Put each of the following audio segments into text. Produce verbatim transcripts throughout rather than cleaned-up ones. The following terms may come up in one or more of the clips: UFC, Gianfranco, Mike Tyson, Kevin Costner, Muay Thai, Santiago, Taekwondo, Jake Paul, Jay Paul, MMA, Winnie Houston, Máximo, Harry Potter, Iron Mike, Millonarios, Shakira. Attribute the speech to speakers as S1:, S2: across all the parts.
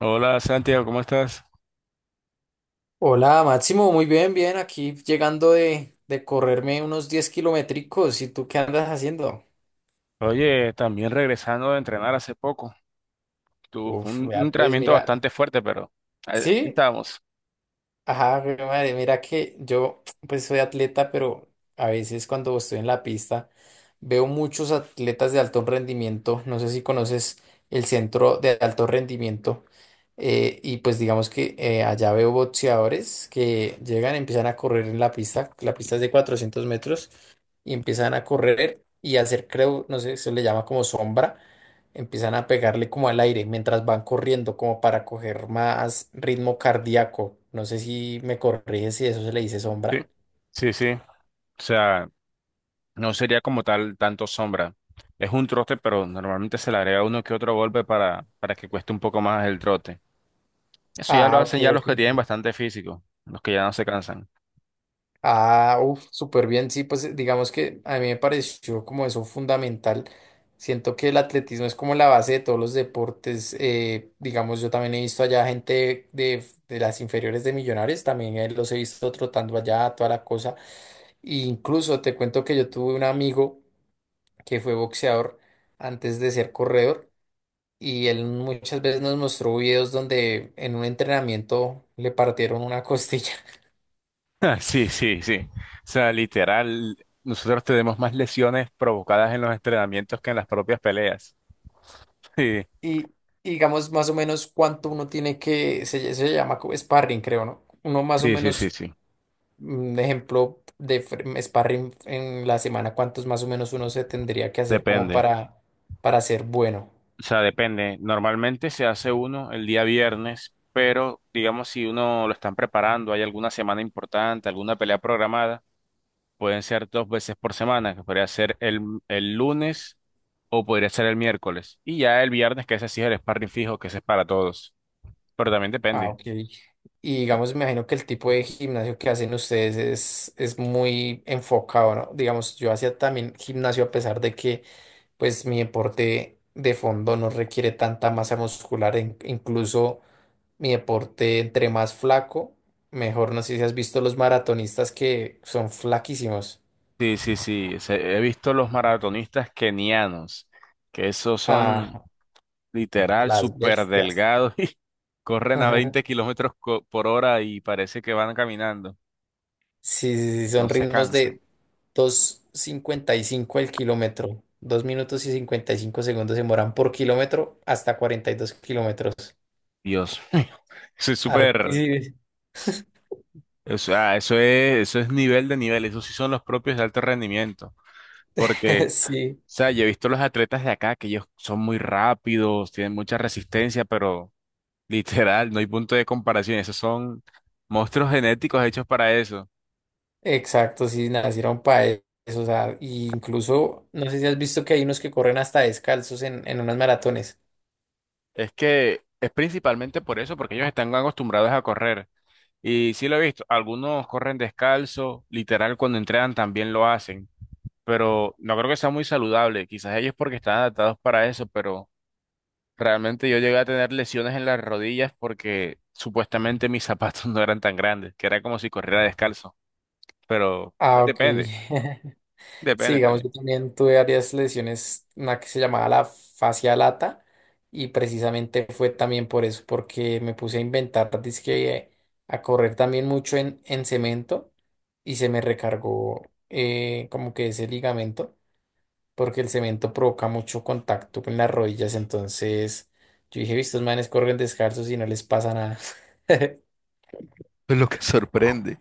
S1: Hola Santiago, ¿cómo estás?
S2: Hola, Máximo, muy bien, bien, aquí llegando de, de correrme unos diez kilométricos. ¿Y tú qué andas haciendo?
S1: Oye, también regresando de entrenar hace poco. Tuvo fue
S2: Uf,
S1: un, un
S2: vea, pues
S1: entrenamiento
S2: mira,
S1: bastante fuerte, pero ahí, ahí
S2: sí,
S1: estábamos.
S2: ajá, jue madre, mira que yo pues soy atleta, pero a veces cuando estoy en la pista veo muchos atletas de alto rendimiento, no sé si conoces el centro de alto rendimiento, eh, y pues digamos que eh, allá veo boxeadores que llegan, empiezan a correr en la pista, la pista es de cuatrocientos metros, y empiezan a correr y hacer, creo, no sé, se le llama como sombra, empiezan a pegarle como al aire mientras van corriendo, como para coger más ritmo cardíaco. No sé si me corrige si eso se le dice
S1: Sí,
S2: sombra.
S1: sí, sí. O sea, no sería como tal tanto sombra. Es un trote, pero normalmente se le agrega uno que otro golpe para, para que cueste un poco más el trote. Eso ya lo
S2: Ah, ok,
S1: hacen ya los
S2: ok,
S1: que tienen
S2: ok.
S1: bastante físico, los que ya no se cansan.
S2: Ah, uff, súper bien. Sí, pues eh, digamos que a mí me pareció como eso fundamental. Siento que el atletismo es como la base de todos los deportes. Eh, digamos, yo también he visto allá gente de, de las inferiores de Millonarios, también eh, los he visto trotando allá, toda la cosa. Incluso te cuento que yo tuve un amigo que fue boxeador antes de ser corredor y él muchas veces nos mostró videos donde en un entrenamiento le partieron una costilla.
S1: Sí, sí, sí. O sea, literal, nosotros tenemos más lesiones provocadas en los entrenamientos que en las propias peleas. Sí,
S2: Y y digamos más o menos cuánto uno tiene que, se, ll- se llama como sparring, creo, ¿no? Uno más o
S1: sí, sí, sí,
S2: menos,
S1: sí.
S2: un ejemplo de fr- sparring en la semana, cuántos más o menos uno se tendría que hacer como
S1: Depende,
S2: para, para ser bueno.
S1: o sea, depende. Normalmente se hace uno el día viernes, pero digamos si uno lo están preparando, hay alguna semana importante, alguna pelea programada, pueden ser dos veces por semana, que podría ser el, el lunes o podría ser el miércoles. Y ya el viernes, que ese sí es el sparring fijo, que ese es para todos. Pero también
S2: Ah,
S1: depende.
S2: ok. Y digamos, me imagino que el tipo de gimnasio que hacen ustedes es, es muy enfocado, ¿no? Digamos, yo hacía también gimnasio a pesar de que, pues, mi deporte de fondo no requiere tanta masa muscular. In- incluso mi deporte, entre más flaco, mejor. No sé si has visto los maratonistas que son flaquísimos.
S1: Sí, sí, sí. se- He visto los maratonistas kenianos, que esos son...
S2: Ah,
S1: literal,
S2: las
S1: súper
S2: bestias.
S1: delgado y corren a veinte kilómetros co- por hora y parece que van caminando,
S2: Sí, sí, sí,
S1: no
S2: son
S1: se
S2: ritmos
S1: cansan.
S2: de dos cincuenta y cinco el kilómetro. Dos minutos y cincuenta y cinco segundos se demoran por kilómetro hasta cuarenta y dos kilómetros.
S1: Dios mío, eso es súper,
S2: Arti-
S1: o sea, eso es, eso es nivel de nivel, eso sí son los propios de alto rendimiento, porque, o
S2: sí,
S1: sea, yo he visto los atletas de acá que ellos son muy rápidos, tienen mucha resistencia, pero literal, no hay punto de comparación, esos son monstruos genéticos hechos para eso.
S2: exacto, sí, nacieron para eso. O sea, y incluso, no sé si has visto que hay unos que corren hasta descalzos en, en, unas maratones.
S1: Es que es principalmente por eso, porque ellos están acostumbrados a correr. Y sí lo he visto, algunos corren descalzo, literal cuando entrenan también lo hacen, pero no creo que sea muy saludable, quizás ellos porque están adaptados para eso, pero realmente yo llegué a tener lesiones en las rodillas porque supuestamente mis zapatos no eran tan grandes, que era como si corriera descalzo, pero
S2: Ah, ok.
S1: depende,
S2: Sí,
S1: depende
S2: digamos, yo
S1: también.
S2: también tuve varias lesiones, una que se llamaba la fascia lata, y precisamente fue también por eso, porque me puse a inventar, dizque a correr también mucho en, en cemento, y se me recargó eh, como que ese ligamento, porque el cemento provoca mucho contacto con las rodillas, entonces yo dije, "Vi, estos manes corren descalzos y no les pasa nada."
S1: Es lo que sorprende,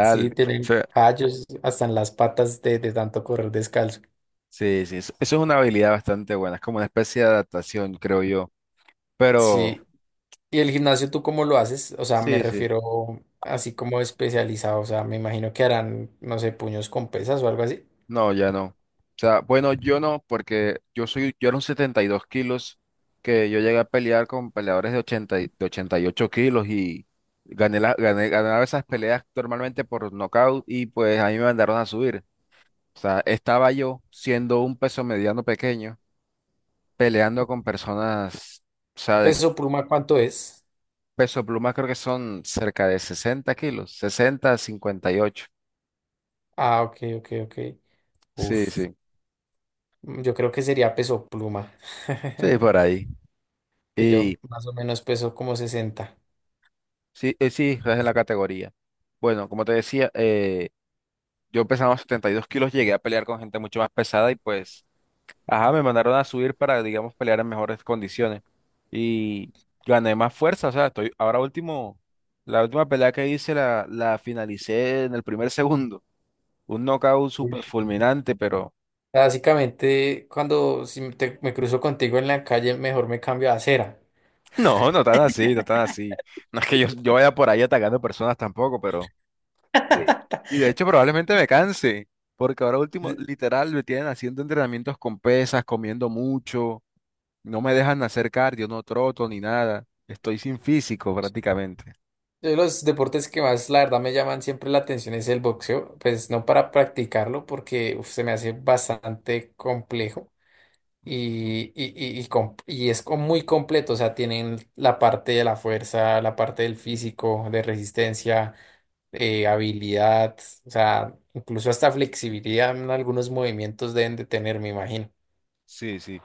S2: Sí,
S1: O
S2: tienen
S1: sea,
S2: callos hasta en las patas de de tanto correr descalzo.
S1: sí, sí, es- eso es una habilidad bastante buena, es como una especie de adaptación, creo yo. Pero
S2: Sí, ¿y el gimnasio tú cómo lo haces? O sea, me
S1: sí, sí.
S2: refiero así como especializado, o sea, me imagino que harán, no sé, puños con pesas o algo así.
S1: No, ya no. O sea, bueno, yo no, porque yo soy, yo era un setenta y dos kilos, que yo llegué a pelear con peleadores de ochenta y- de ochenta y ocho kilos y gané, la, gané, ganaba esas peleas normalmente por nocaut y pues a mí me mandaron a subir. O sea, estaba yo siendo un peso mediano pequeño, peleando con personas, o sea, de
S2: ¿Peso pluma cuánto es?
S1: peso pluma creo que son cerca de sesenta kilos, sesenta cincuenta y ocho.
S2: Ah, ok, ok, ok.
S1: Sí,
S2: Uf,
S1: sí,
S2: mm, yo creo que sería peso pluma,
S1: sí, por ahí.
S2: que yo más o menos peso como sesenta.
S1: Sí, eh, sí, estás en la categoría. Bueno, como te decía, eh, yo pesaba y dos kilos, llegué a pelear con gente mucho más pesada y pues, ajá, me mandaron a subir para, digamos, pelear en mejores condiciones. Y gané más fuerza, o sea, estoy, ahora último, la última pelea que hice la, la finalicé en el primer segundo. Un knockout súper
S2: Uy.
S1: fulminante, pero
S2: Básicamente, cuando si me te- me cruzo contigo en la calle, mejor me cambio a acera.
S1: no, no tan así, no tan así. No es que yo, yo vaya por ahí atacando personas tampoco, pero sí. Y de hecho probablemente me canse, porque ahora último, literal, me tienen haciendo entrenamientos con pesas, comiendo mucho, no me dejan hacer cardio, no troto ni nada, estoy sin físico prácticamente.
S2: Yo los deportes que más, la verdad, me llaman siempre la atención es el boxeo, pues no para practicarlo porque uf, se me hace bastante complejo y, y, y, y com- y es co- muy completo, o sea, tienen la parte de la fuerza, la parte del físico, de resistencia, eh, habilidad, o sea, incluso hasta flexibilidad en algunos movimientos deben de tener, me imagino.
S1: Sí, sí,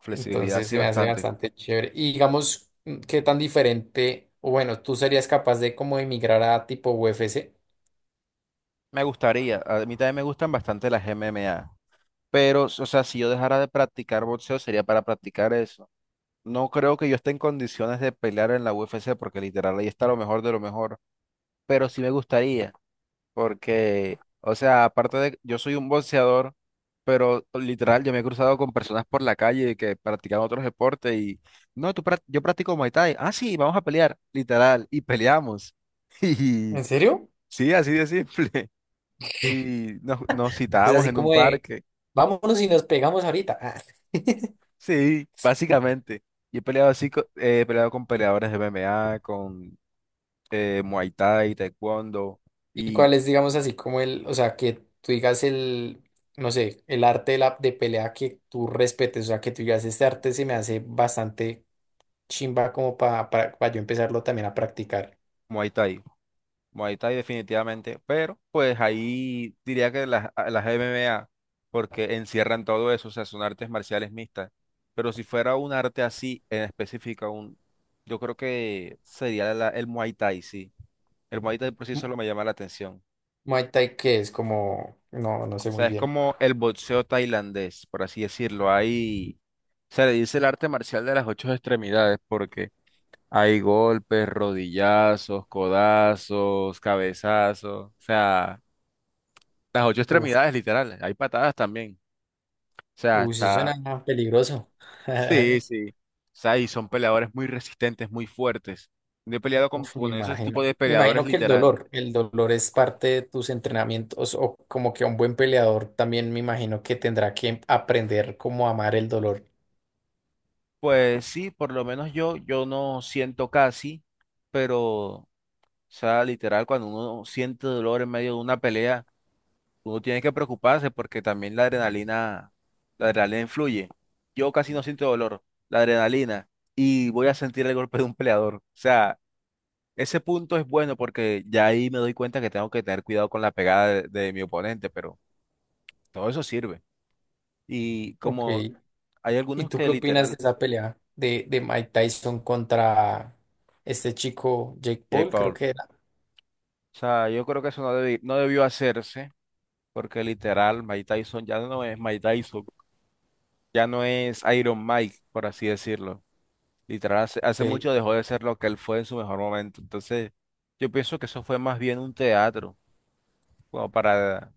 S1: flexibilidad
S2: Entonces
S1: sí
S2: se me hace
S1: bastante.
S2: bastante chévere. Y digamos, mm, ¿qué tan diferente? O bueno, ¿tú serías capaz de como emigrar a tipo U F C?
S1: Me gustaría, a mí también me gustan bastante las M M A, pero, o sea, si yo dejara de practicar boxeo sería para practicar eso. No creo que yo esté en condiciones de pelear en la U F C porque literal ahí está lo mejor de lo mejor, pero sí me gustaría. Porque, o sea, aparte de, yo soy un boxeador, pero literal, yo me he cruzado con personas por la calle que practican otros deportes y, no, tú, prac- yo practico Muay Thai. Ah, sí, vamos a pelear, literal, y peleamos. Y
S2: ¿En serio?
S1: sí, así de simple. Y nos, nos
S2: O sea,
S1: citábamos
S2: así
S1: en un
S2: como de,
S1: parque.
S2: vámonos y nos pegamos ahorita. Ah.
S1: Sí, básicamente. Y he peleado así, co- eh, he peleado con peleadores de m M a con eh, Muay Thai, Taekwondo
S2: ¿Y
S1: y
S2: cuál es, digamos, así como el, o sea, que tú digas el, no sé, el arte de, la, de pelea que tú respetes? O sea, que tú digas, este arte se me hace bastante chimba como pa- para para yo empezarlo también a practicar.
S1: Muay Thai. Muay Thai definitivamente, pero pues ahí diría que las, a- las M M A, porque encierran todo eso, o sea, son artes marciales mixtas, pero si fuera un arte así en específica, un, yo creo que sería la- el Muay Thai, sí. El Muay Thai por sí
S2: Mu-
S1: solo me llama la atención.
S2: Muay Thai, que es como, no, no
S1: O
S2: sé muy
S1: sea, es
S2: bien.
S1: como el boxeo tailandés, por así decirlo. Hay, se le dice el arte marcial de las ocho extremidades, porque hay golpes, rodillazos, codazos, cabezazos, o sea... Las ocho extremidades, literal. Hay patadas también. O sea,
S2: Uy, eso
S1: está.
S2: suena peligroso.
S1: Sí, sí. O sea, y son peleadores muy resistentes, muy fuertes. Yo he peleado con,
S2: Uf, me
S1: con esos tipos
S2: imagino.
S1: de
S2: Me
S1: peleadores,
S2: imagino que el
S1: literal.
S2: dolor, el dolor es parte de tus entrenamientos o como que un buen peleador también me imagino que tendrá que aprender cómo amar el dolor.
S1: Pues sí, por lo menos yo, yo no siento casi, pero, o sea, literal, cuando uno siente dolor en medio de una pelea, uno tiene que preocuparse porque también la adrenalina, la adrenalina influye. Yo casi no siento dolor, la adrenalina, y voy a sentir el golpe de un peleador. O sea, ese punto es bueno porque ya ahí me doy cuenta que tengo que tener cuidado con la pegada de, de mi oponente, pero todo eso sirve. Y
S2: Ok.
S1: como hay
S2: ¿Y
S1: algunos
S2: tú
S1: que
S2: qué opinas de
S1: literal,
S2: esa pelea de, de Mike Tyson contra este chico Jake
S1: Jay
S2: Paul? Creo
S1: Paul,
S2: que era.
S1: o sea, yo creo que eso no, debi- no debió hacerse porque literal Mike Tyson ya no es Mike Tyson, ya no es Iron Mike, por así decirlo. Literal, hace, hace
S2: Ok.
S1: mucho dejó de ser lo que él fue en su mejor momento. Entonces, yo pienso que eso fue más bien un teatro, como para,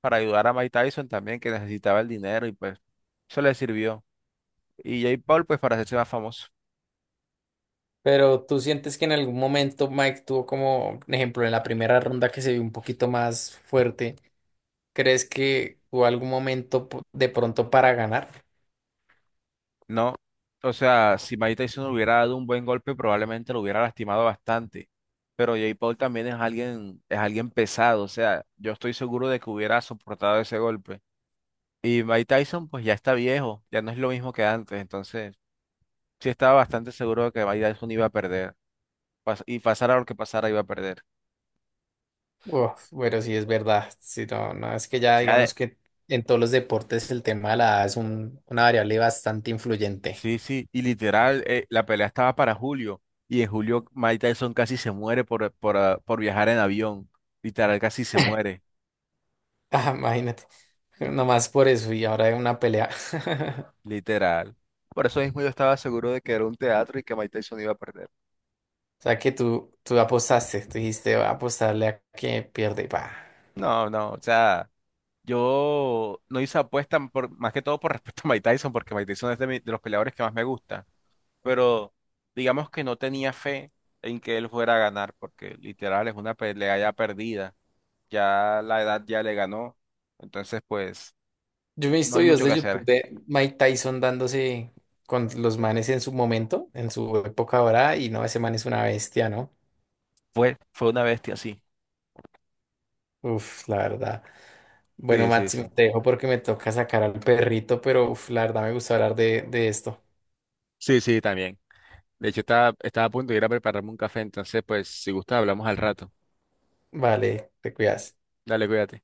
S1: para ayudar a Mike Tyson también, que necesitaba el dinero y pues eso le sirvió. Y Jake Paul, pues para hacerse más famoso,
S2: Pero tú sientes que en algún momento Mike tuvo como, por ejemplo, en la primera ronda que se vio un poquito más fuerte. ¿Crees que hubo algún momento po- de pronto para ganar?
S1: ¿no? O sea, si Mike Tyson hubiera dado un buen golpe, probablemente lo hubiera lastimado bastante. Pero Jake Paul también es alguien, es alguien pesado. O sea, yo estoy seguro de que hubiera soportado ese golpe. Y Mike Tyson, pues ya está viejo, ya no es lo mismo que antes. Entonces, sí estaba bastante seguro de que Mike Tyson iba a perder. pas- Y pasara lo que pasara, iba a perder.
S2: Uf, bueno, sí es verdad. Sí, no, no, es que ya digamos que en todos los deportes el tema de la edad es un- una variable bastante influyente.
S1: Sí, sí, y literal, eh, la pelea estaba para julio, y en julio Mike Tyson casi se muere por, por, ah, por viajar en avión. Literal, casi se muere,
S2: Ah, imagínate. Nomás por eso y ahora hay una pelea.
S1: literal. Por eso mismo yo estaba seguro de que era un teatro y que Mike Tyson iba a perder.
S2: O sea que tú, tú apostaste, tú dijiste, "Voy a apostarle a que pierde. Pa."
S1: No, no, o sea, yo no hice apuesta por, más que todo por respeto a Mike Tyson, porque Mike Tyson es de, mi- de los peleadores que más me gusta, pero digamos que no tenía fe en que él fuera a ganar, porque literal es una pelea ya perdida. Ya la edad ya le ganó, entonces pues
S2: Yo me he
S1: no
S2: visto
S1: hay
S2: videos
S1: mucho que
S2: de YouTube
S1: hacer.
S2: de Mike Tyson dándose con los manes en su momento, en su época ahora, y no, ese man es una bestia, ¿no?
S1: Fue, fue una bestia, sí.
S2: Uf, la verdad. Bueno,
S1: Sí, sí, sí.
S2: Máximo, te dejo porque me toca sacar al perrito, pero uf, la verdad me gusta hablar de, de esto.
S1: Sí, sí, también. De hecho, estaba, estaba a punto de ir a prepararme un café, entonces pues si gusta hablamos al rato.
S2: Vale, te cuidas.
S1: Dale, cuídate.